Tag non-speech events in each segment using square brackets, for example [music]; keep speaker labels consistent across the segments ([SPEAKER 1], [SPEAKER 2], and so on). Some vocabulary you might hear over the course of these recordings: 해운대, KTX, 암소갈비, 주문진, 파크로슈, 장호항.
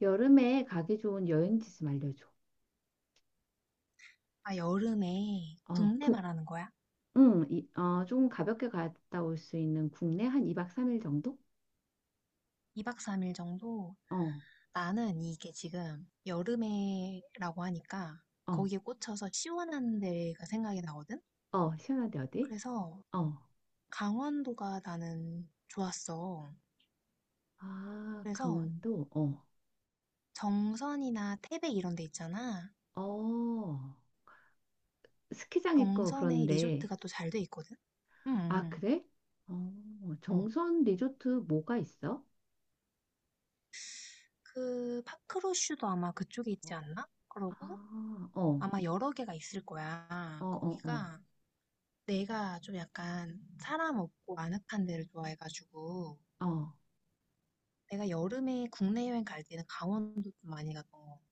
[SPEAKER 1] 여름에 가기 좋은 여행지 좀 알려줘.
[SPEAKER 2] 아, 여름에
[SPEAKER 1] 어,
[SPEAKER 2] 국내
[SPEAKER 1] 국,
[SPEAKER 2] 말하는 거야?
[SPEAKER 1] 응, 이, 어, 조금 가볍게 갔다 올 수 있는 국내 한 2박 3일 정도?
[SPEAKER 2] 2박 3일 정도?
[SPEAKER 1] 어,
[SPEAKER 2] 나는 이게 지금 여름에라고 하니까
[SPEAKER 1] 어,
[SPEAKER 2] 거기에 꽂혀서 시원한 데가 생각이 나거든?
[SPEAKER 1] 어, 시원한데 어디?
[SPEAKER 2] 그래서
[SPEAKER 1] 어,
[SPEAKER 2] 강원도가 나는 좋았어.
[SPEAKER 1] 아,
[SPEAKER 2] 그래서
[SPEAKER 1] 강원도? 어,
[SPEAKER 2] 정선이나 태백 이런 데 있잖아.
[SPEAKER 1] 어, 스키장 있고
[SPEAKER 2] 정선에
[SPEAKER 1] 그런데.
[SPEAKER 2] 리조트가 또 잘 돼 있거든? 응, 응,
[SPEAKER 1] 아,
[SPEAKER 2] 응.
[SPEAKER 1] 그래? 어,
[SPEAKER 2] 어,
[SPEAKER 1] 정선 리조트 뭐가 있어?
[SPEAKER 2] 그 파크로슈도 아마 그쪽에 있지
[SPEAKER 1] 어.
[SPEAKER 2] 않나? 그러고
[SPEAKER 1] 아, 어,
[SPEAKER 2] 아마 여러 개가 있을
[SPEAKER 1] 어,
[SPEAKER 2] 거야.
[SPEAKER 1] 어, 어,
[SPEAKER 2] 거기가 내가 좀 약간 사람 없고 아늑한 데를 좋아해가지고
[SPEAKER 1] 어.
[SPEAKER 2] 내가 여름에 국내 여행 갈 때는 강원도 좀 많이 갔던 것 같아.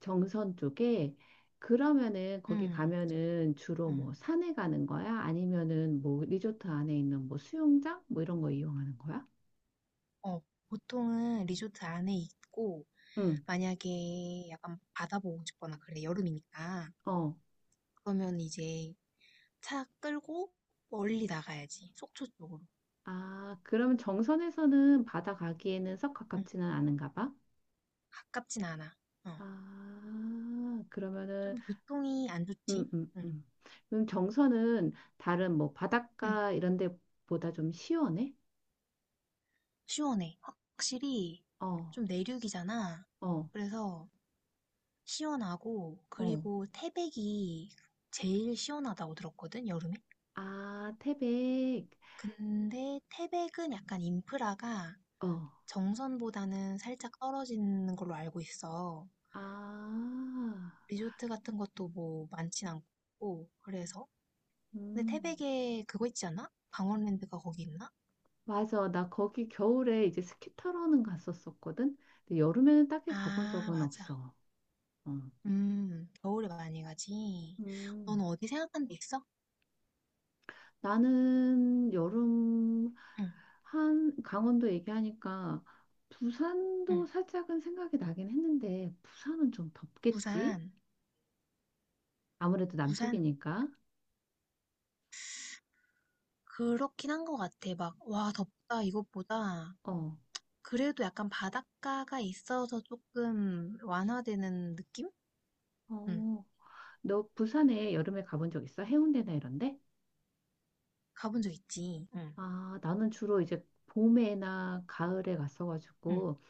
[SPEAKER 1] 정선 쪽에 그러면은 거기
[SPEAKER 2] 음,
[SPEAKER 1] 가면은 주로
[SPEAKER 2] 음,
[SPEAKER 1] 뭐 산에 가는 거야? 아니면은 뭐 리조트 안에 있는 뭐 수영장 뭐 이런 거 이용하는 거야?
[SPEAKER 2] 어, 보통은 리조트 안에 있고
[SPEAKER 1] 응.
[SPEAKER 2] 만약에 약간 바다 보고 싶거나 그래 여름이니까
[SPEAKER 1] 어.
[SPEAKER 2] 그러면 이제 차 끌고 멀리 나가야지, 속초 쪽으로.
[SPEAKER 1] 아, 그러면 정선에서는 바다 가기에는 썩
[SPEAKER 2] 응,
[SPEAKER 1] 가깝지는 않은가 봐.
[SPEAKER 2] 가깝진 않아. 어,
[SPEAKER 1] 아,
[SPEAKER 2] 좀
[SPEAKER 1] 그러면은
[SPEAKER 2] 교통이 안
[SPEAKER 1] 음,
[SPEAKER 2] 좋지.
[SPEAKER 1] 음,
[SPEAKER 2] 응,
[SPEAKER 1] 음. 그럼 정선은 다른 뭐
[SPEAKER 2] 응,
[SPEAKER 1] 바닷가 이런 데보다 좀 시원해?
[SPEAKER 2] 시원해. 확실히
[SPEAKER 1] 어,
[SPEAKER 2] 좀 내륙이잖아.
[SPEAKER 1] 어,
[SPEAKER 2] 그래서 시원하고,
[SPEAKER 1] 어.
[SPEAKER 2] 그리고 태백이 제일 시원하다고 들었거든, 여름에.
[SPEAKER 1] 아, 태백.
[SPEAKER 2] 근데 태백은 약간 인프라가
[SPEAKER 1] 어.
[SPEAKER 2] 정선보다는 살짝 떨어지는 걸로 알고 있어.
[SPEAKER 1] 아.
[SPEAKER 2] 리조트 같은 것도 뭐 많진 않고, 그래서. 근데
[SPEAKER 1] 음,
[SPEAKER 2] 태백에 그거 있지 않아? 강원랜드가 거기 있나?
[SPEAKER 1] 맞아. 나 거기 겨울에 이제 스키 타러는 갔었었거든. 근데 여름에는 딱히 가본
[SPEAKER 2] 아,
[SPEAKER 1] 적은
[SPEAKER 2] 맞아.
[SPEAKER 1] 없어. 어.
[SPEAKER 2] 겨울에 많이 가지. 넌
[SPEAKER 1] 음,
[SPEAKER 2] 어디 생각한 데 있어?
[SPEAKER 1] 나는 여름
[SPEAKER 2] 응,
[SPEAKER 1] 한 강원도 얘기하니까
[SPEAKER 2] 응.
[SPEAKER 1] 부산도 살짝은 생각이 나긴 했는데 부산은 좀 덥겠지?
[SPEAKER 2] 부산,
[SPEAKER 1] 아무래도
[SPEAKER 2] 부산.
[SPEAKER 1] 남쪽이니까.
[SPEAKER 2] 그렇긴 한 것 같아. 막, 와, 덥다, 이것보다.
[SPEAKER 1] 어,
[SPEAKER 2] 그래도 약간 바닷가가 있어서 조금 완화되는 느낌? 응.
[SPEAKER 1] 어. 너 부산에 여름에 가본 적 있어? 해운대나 이런데?
[SPEAKER 2] 가본 적 있지. 응,
[SPEAKER 1] 아, 나는 주로 이제 봄에나 가을에
[SPEAKER 2] 응,
[SPEAKER 1] 갔어가지고.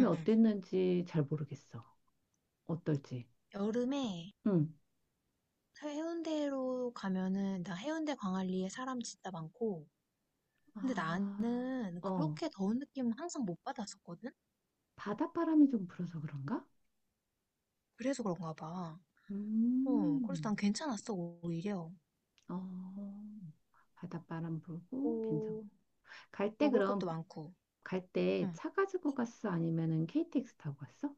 [SPEAKER 2] 응, 응.
[SPEAKER 1] 어땠는지 잘 모르겠어. 어떨지.
[SPEAKER 2] 여름에
[SPEAKER 1] 응.
[SPEAKER 2] 해운대로 가면은, 나 해운대 광안리에 사람 진짜 많고, 근데
[SPEAKER 1] 아,
[SPEAKER 2] 나는
[SPEAKER 1] 어.
[SPEAKER 2] 그렇게 더운 느낌은 항상 못 받았었거든?
[SPEAKER 1] 바닷바람이 좀 불어서 그런가?
[SPEAKER 2] 그래서 그런가 봐. 어, 그래서
[SPEAKER 1] 음,
[SPEAKER 2] 난 괜찮았어, 오히려.
[SPEAKER 1] 어. 바닷바람 불고 괜찮고.
[SPEAKER 2] 오,
[SPEAKER 1] 갈 때
[SPEAKER 2] 먹을 것도
[SPEAKER 1] 그럼
[SPEAKER 2] 많고.
[SPEAKER 1] 갈 때
[SPEAKER 2] 응.
[SPEAKER 1] 차 가지고 갔어? 아니면은 KTX 타고 갔어?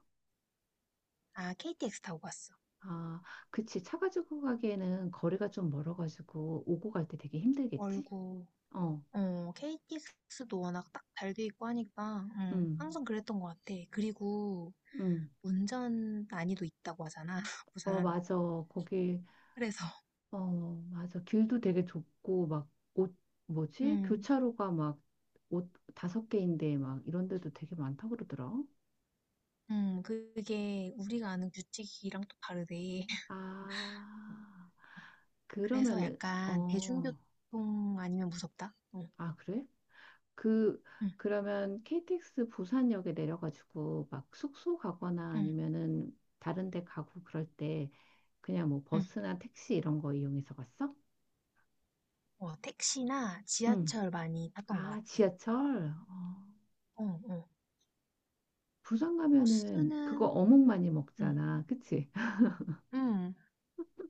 [SPEAKER 2] 아, KTX 타고 갔어.
[SPEAKER 1] 아, 그치. 차 가지고 가기에는 거리가 좀 멀어가지고 오고 갈 때 되게 힘들겠지?
[SPEAKER 2] 멀고,
[SPEAKER 1] 어,
[SPEAKER 2] 어, KTX도 워낙 딱 잘 돼 있고 하니까,
[SPEAKER 1] 음,
[SPEAKER 2] 항상 그랬던 것 같아. 그리고
[SPEAKER 1] 음.
[SPEAKER 2] 운전 난이도 있다고 하잖아, [laughs]
[SPEAKER 1] 어,
[SPEAKER 2] 부산.
[SPEAKER 1] 맞아. 거기
[SPEAKER 2] 그래서,
[SPEAKER 1] 어, 맞아. 길도 되게 좁고, 막, 옷, 뭐지?
[SPEAKER 2] 음,
[SPEAKER 1] 교차로가 막, 옷 다섯 개인데, 막, 이런 데도 되게 많다고 그러더라.
[SPEAKER 2] 그게 우리가 아는 규칙이랑 또 다르대. [laughs]
[SPEAKER 1] 아,
[SPEAKER 2] 그래서
[SPEAKER 1] 그러면은,
[SPEAKER 2] 약간
[SPEAKER 1] 어,
[SPEAKER 2] 대중교통 아니면 무섭다? 응,
[SPEAKER 1] 아, 그래? 그,
[SPEAKER 2] 응,
[SPEAKER 1] 그러면 KTX 부산역에 내려가지고, 막, 숙소 가거나
[SPEAKER 2] 응,
[SPEAKER 1] 아니면은, 다른 데 가고 그럴 때, 그냥 뭐,
[SPEAKER 2] 응.
[SPEAKER 1] 버스나 택시 이런 거 이용해서 갔어?
[SPEAKER 2] 어, 택시나
[SPEAKER 1] 응.
[SPEAKER 2] 지하철 많이 탔던 것
[SPEAKER 1] 아,
[SPEAKER 2] 같아.
[SPEAKER 1] 지하철? 어,
[SPEAKER 2] 어, 어.
[SPEAKER 1] 부산 가면은,
[SPEAKER 2] 버스는,
[SPEAKER 1] 그거 어묵 많이
[SPEAKER 2] 응,
[SPEAKER 1] 먹잖아. 그치?
[SPEAKER 2] 응,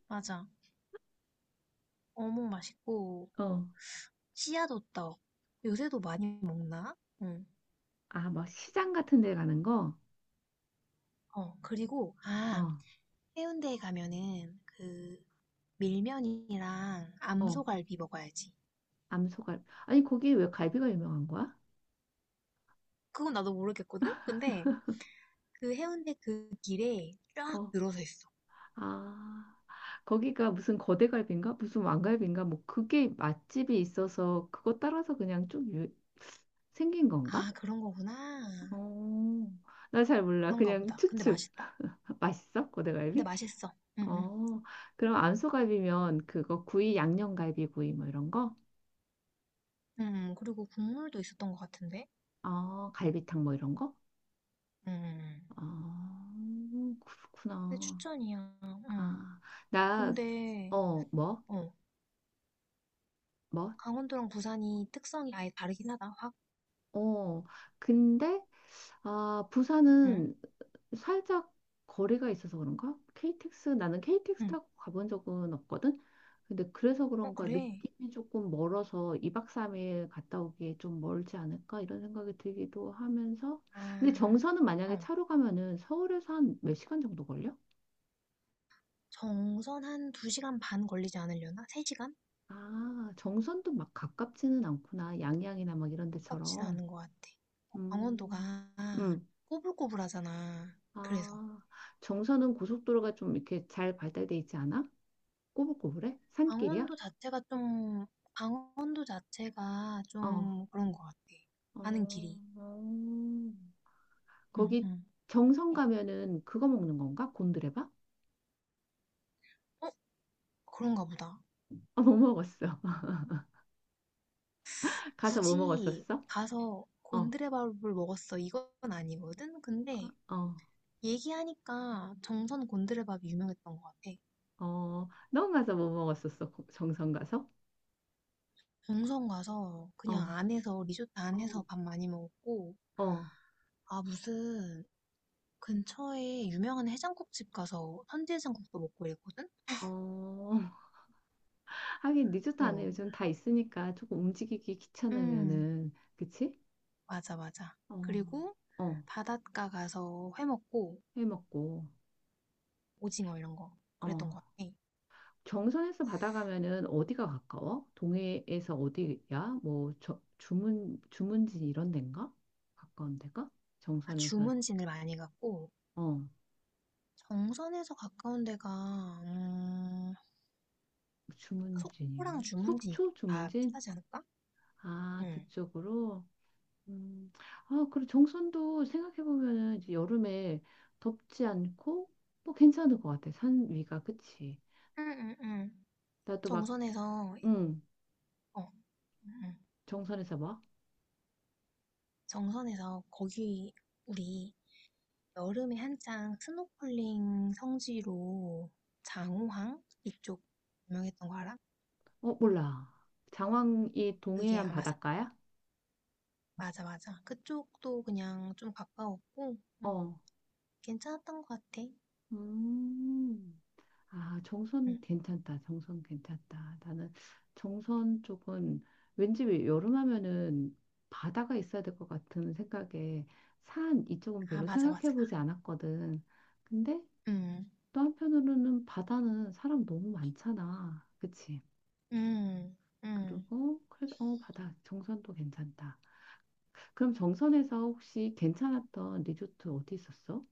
[SPEAKER 2] 맞아. 어묵 맛있고,
[SPEAKER 1] 어,
[SPEAKER 2] 씨앗 호떡. 요새도 많이 먹나? 응.
[SPEAKER 1] 아, 막 시장 같은 데 가는 거?
[SPEAKER 2] 어, 그리고, 아,
[SPEAKER 1] 어,
[SPEAKER 2] 해운대에 가면은 그 밀면이랑
[SPEAKER 1] 어,
[SPEAKER 2] 암소갈비 먹어야지.
[SPEAKER 1] 암소갈비. 아니, 거기 왜 갈비가 유명한 거야?
[SPEAKER 2] 그건 나도 모르겠거든? 근데 그 해운대 그 길에 쫙
[SPEAKER 1] 어,
[SPEAKER 2] 늘어서 있어.
[SPEAKER 1] 아, 거기가 무슨 거대갈비인가? 무슨 왕갈비인가? 뭐, 그게 맛집이 있어서 그거 따라서 그냥 좀 유, 생긴 건가?
[SPEAKER 2] 아, 그런 거구나.
[SPEAKER 1] 어, 나 잘 몰라.
[SPEAKER 2] 그런가
[SPEAKER 1] 그냥
[SPEAKER 2] 보다. 근데
[SPEAKER 1] 추측.
[SPEAKER 2] 맛있다.
[SPEAKER 1] [laughs] 맛있어? 거대갈
[SPEAKER 2] 근데
[SPEAKER 1] 비
[SPEAKER 2] 맛있어. 응, 응.
[SPEAKER 1] 어, 그럼 안소갈비면 그거 구이, 양념갈비 구이 뭐 이런 거?
[SPEAKER 2] 응, 응. 그리고 국물도 있었던 것 같은데?
[SPEAKER 1] 어, 갈비탕 뭐 이런 거?
[SPEAKER 2] 응, 응, 응.
[SPEAKER 1] 아
[SPEAKER 2] 근데
[SPEAKER 1] 그렇구나.
[SPEAKER 2] 추천이야. 응.
[SPEAKER 1] 아, 나,
[SPEAKER 2] 근데,
[SPEAKER 1] 어, 뭐?
[SPEAKER 2] 어,
[SPEAKER 1] 뭐?
[SPEAKER 2] 강원도랑 부산이 특성이 아예 다르긴 하다, 확.
[SPEAKER 1] 어, 근데, 아,
[SPEAKER 2] 응?
[SPEAKER 1] 부산은 살짝 거리가 있어서 그런가? KTX, 나는 KTX
[SPEAKER 2] 응.
[SPEAKER 1] 타고 가본 적은 없거든? 근데 그래서
[SPEAKER 2] 어,
[SPEAKER 1] 그런가
[SPEAKER 2] 그래.
[SPEAKER 1] 느낌이 조금 멀어서 2박 3일 갔다 오기에 좀 멀지 않을까? 이런 생각이 들기도 하면서. 근데
[SPEAKER 2] 아,
[SPEAKER 1] 정선은 만약에
[SPEAKER 2] 어.
[SPEAKER 1] 차로 가면은 서울에서 한 몇 시간 정도 걸려?
[SPEAKER 2] 정선 한 2시간 반 걸리지 않으려나? 3시간?
[SPEAKER 1] 아, 정선도 막 가깝지는 않구나. 양양이나 막 이런
[SPEAKER 2] 가깝진
[SPEAKER 1] 데처럼.
[SPEAKER 2] 않은 것 같아.
[SPEAKER 1] 음.
[SPEAKER 2] 강원도가
[SPEAKER 1] 음,
[SPEAKER 2] 꼬불꼬불하잖아. 그래서.
[SPEAKER 1] 아, 정선은 고속도로가 좀 이렇게 잘 발달돼 있지 않아? 꼬불꼬불해? 산길이야?
[SPEAKER 2] 강원도 자체가 좀, 강원도 자체가
[SPEAKER 1] 어,
[SPEAKER 2] 좀 그런 것 같아.
[SPEAKER 1] 어,
[SPEAKER 2] 가는 길이.
[SPEAKER 1] 어.
[SPEAKER 2] 응,
[SPEAKER 1] 거기
[SPEAKER 2] 응.
[SPEAKER 1] 정선 가면은 그거 먹는 건가? 곤드레밥? [laughs]
[SPEAKER 2] 어? 그런가 보다.
[SPEAKER 1] 아, 뭐 먹었어? [laughs] 가서 뭐
[SPEAKER 2] 굳이
[SPEAKER 1] 먹었었어?
[SPEAKER 2] 가서
[SPEAKER 1] 어,
[SPEAKER 2] 곤드레밥을 먹었어. 이건 아니거든? 근데
[SPEAKER 1] 어,
[SPEAKER 2] 얘기하니까 정선 곤드레밥이 유명했던 것 같아.
[SPEAKER 1] 어. 넌 가서 뭐 먹었었어? 정선 가서?
[SPEAKER 2] 정선 가서
[SPEAKER 1] 어,
[SPEAKER 2] 그냥 안에서 리조트 안에서 밥 많이 먹었고,
[SPEAKER 1] 어,
[SPEAKER 2] 아, 무슨 근처에 유명한 해장국집 가서 선지 해장국도 먹고 이랬거든?
[SPEAKER 1] 어. [laughs] 하긴 리조트 안에
[SPEAKER 2] 어.
[SPEAKER 1] 요즘 다 있으니까 조금 움직이기
[SPEAKER 2] 음,
[SPEAKER 1] 귀찮으면은, 그치?
[SPEAKER 2] 맞아, 맞아.
[SPEAKER 1] 어,
[SPEAKER 2] 그리고
[SPEAKER 1] 어.
[SPEAKER 2] 바닷가 가서 회 먹고
[SPEAKER 1] 해 먹고,
[SPEAKER 2] 오징어 이런 거
[SPEAKER 1] 어.
[SPEAKER 2] 그랬던 것 같아.
[SPEAKER 1] 경선에서 받아가면은 어디가 가까워? 동해에서 어디야? 뭐 저, 주문진 이런 데인가? 가까운 데가?
[SPEAKER 2] 아,
[SPEAKER 1] 정선에서
[SPEAKER 2] 주문진을 많이 갔고
[SPEAKER 1] 어
[SPEAKER 2] 정선에서 가까운 데가, 음, 속초랑
[SPEAKER 1] 주문진
[SPEAKER 2] 주문진 이쪽
[SPEAKER 1] 속초
[SPEAKER 2] 다
[SPEAKER 1] 주문진
[SPEAKER 2] 비슷하지 않을까?
[SPEAKER 1] 아
[SPEAKER 2] 응,
[SPEAKER 1] 그쪽으로 음, 아 그리고 정선도 생각해 보면은 이제 여름에 덥지 않고 뭐 괜찮을 것 같아 산 위가 그치?
[SPEAKER 2] 응, 응응
[SPEAKER 1] 나도 막
[SPEAKER 2] 정선에서,
[SPEAKER 1] 응
[SPEAKER 2] 어, 응, 응.
[SPEAKER 1] 정선에서 막
[SPEAKER 2] 정선에서 거기 우리 여름에 한창 스노클링 성지로 장호항 이쪽 유명했던 거 알아?
[SPEAKER 1] 어 몰라 장왕이
[SPEAKER 2] 그게
[SPEAKER 1] 동해안
[SPEAKER 2] 아마,
[SPEAKER 1] 바닷가야?
[SPEAKER 2] 맞아, 맞아. 그쪽도 그냥 좀 가까웠고, 응,
[SPEAKER 1] 어
[SPEAKER 2] 괜찮았던 것 같아. 응.
[SPEAKER 1] 음. 아, 정선 괜찮다. 정선 괜찮다. 나는 정선 쪽은 왠지 왜 여름 하면은 바다가 있어야 될 것 같은 생각에 산 이쪽은
[SPEAKER 2] 아,
[SPEAKER 1] 별로
[SPEAKER 2] 맞아, 맞아.
[SPEAKER 1] 생각해 보지 않았거든. 근데
[SPEAKER 2] 음,
[SPEAKER 1] 또 한편으로는 바다는 사람 너무 많잖아. 그치?
[SPEAKER 2] 음, 음.
[SPEAKER 1] 그리고 그래서 어, 바다 정선도 괜찮다. 그럼 정선에서 혹시 괜찮았던 리조트 어디 있었어?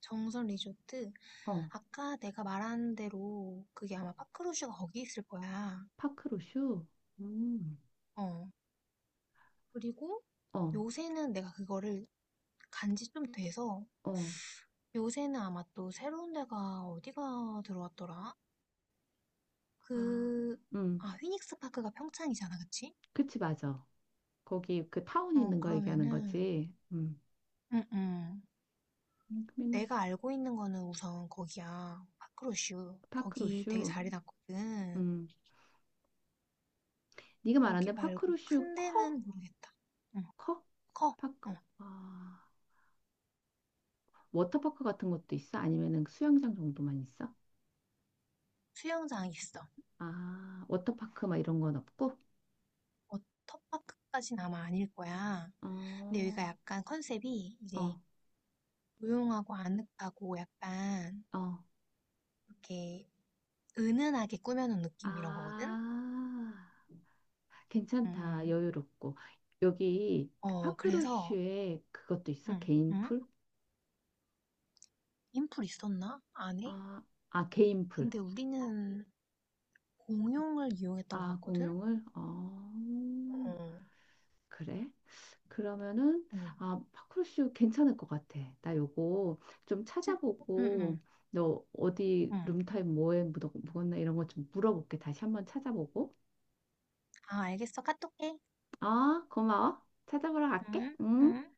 [SPEAKER 2] 정선 리조트,
[SPEAKER 1] 어,
[SPEAKER 2] 아까 내가 말한 대로, 그게 아마 파크루슈가 거기 있을 거야.
[SPEAKER 1] 파크로슈? 음.
[SPEAKER 2] 어, 그리고
[SPEAKER 1] 어,
[SPEAKER 2] 요새는 내가 그거를 간지 좀 돼서
[SPEAKER 1] 어.
[SPEAKER 2] 요새는 아마 또 새로운 데가 어디가 들어왔더라?
[SPEAKER 1] 아,
[SPEAKER 2] 그,
[SPEAKER 1] 음,
[SPEAKER 2] 아, 휘닉스 파크가 평창이잖아, 그치?
[SPEAKER 1] 그치, 맞아. 거기 그 타운
[SPEAKER 2] 어,
[SPEAKER 1] 있는 거 얘기하는
[SPEAKER 2] 그러면은,
[SPEAKER 1] 거지.
[SPEAKER 2] 응, 응.
[SPEAKER 1] 커뮤니스
[SPEAKER 2] 내가 알고 있는 거는 우선 거기야. 파크로슈. 거기 되게
[SPEAKER 1] 파크로슈.
[SPEAKER 2] 잘 해놨거든.
[SPEAKER 1] 음, 네가 말한
[SPEAKER 2] 거기
[SPEAKER 1] 데
[SPEAKER 2] 말고
[SPEAKER 1] 파크로슈
[SPEAKER 2] 큰
[SPEAKER 1] 커?
[SPEAKER 2] 데는 모르겠다. 응,
[SPEAKER 1] 커?
[SPEAKER 2] 커.
[SPEAKER 1] 파크.
[SPEAKER 2] 어,
[SPEAKER 1] 아, 워터파크 같은 것도 있어? 아니면은 그 수영장 정도만 있어?
[SPEAKER 2] 수영장 있어.
[SPEAKER 1] 아, 워터파크 막 이런 건 없고?
[SPEAKER 2] 워터파크까지는 아마 아닐 거야. 근데 여기가
[SPEAKER 1] 어,
[SPEAKER 2] 약간 컨셉이 이제
[SPEAKER 1] 어,
[SPEAKER 2] 조용하고 아늑하고 약간
[SPEAKER 1] 어.
[SPEAKER 2] 이렇게 은은하게 꾸며놓은
[SPEAKER 1] 아,
[SPEAKER 2] 느낌 이런 거거든? 응,
[SPEAKER 1] 괜찮다.
[SPEAKER 2] 응.
[SPEAKER 1] 여유롭고. 여기 그
[SPEAKER 2] 어, 그래서
[SPEAKER 1] 파크로슈에 그것도 있어?
[SPEAKER 2] 응,
[SPEAKER 1] 개인
[SPEAKER 2] 응,
[SPEAKER 1] 풀?
[SPEAKER 2] 인풀 있었나? 안에?
[SPEAKER 1] 아, 아, 개인 풀.
[SPEAKER 2] 근데 우리는 공용을 이용했던 것
[SPEAKER 1] 아,
[SPEAKER 2] 같거든?
[SPEAKER 1] 공용을? 어,
[SPEAKER 2] 어,
[SPEAKER 1] 그래? 그러면은,
[SPEAKER 2] 어.
[SPEAKER 1] 아, 파크루쇼 괜찮을 것 같아. 나 요거 좀
[SPEAKER 2] 진- 응, 응,
[SPEAKER 1] 찾아보고, 너 어디
[SPEAKER 2] 응,
[SPEAKER 1] 룸타입 뭐에 묵었나 이런 거 좀 물어볼게. 다시 한번 찾아보고.
[SPEAKER 2] 아, 알겠어. 카톡해.
[SPEAKER 1] 아, 고마워. 찾아보러 갈게.
[SPEAKER 2] 응,
[SPEAKER 1] 응?
[SPEAKER 2] 응.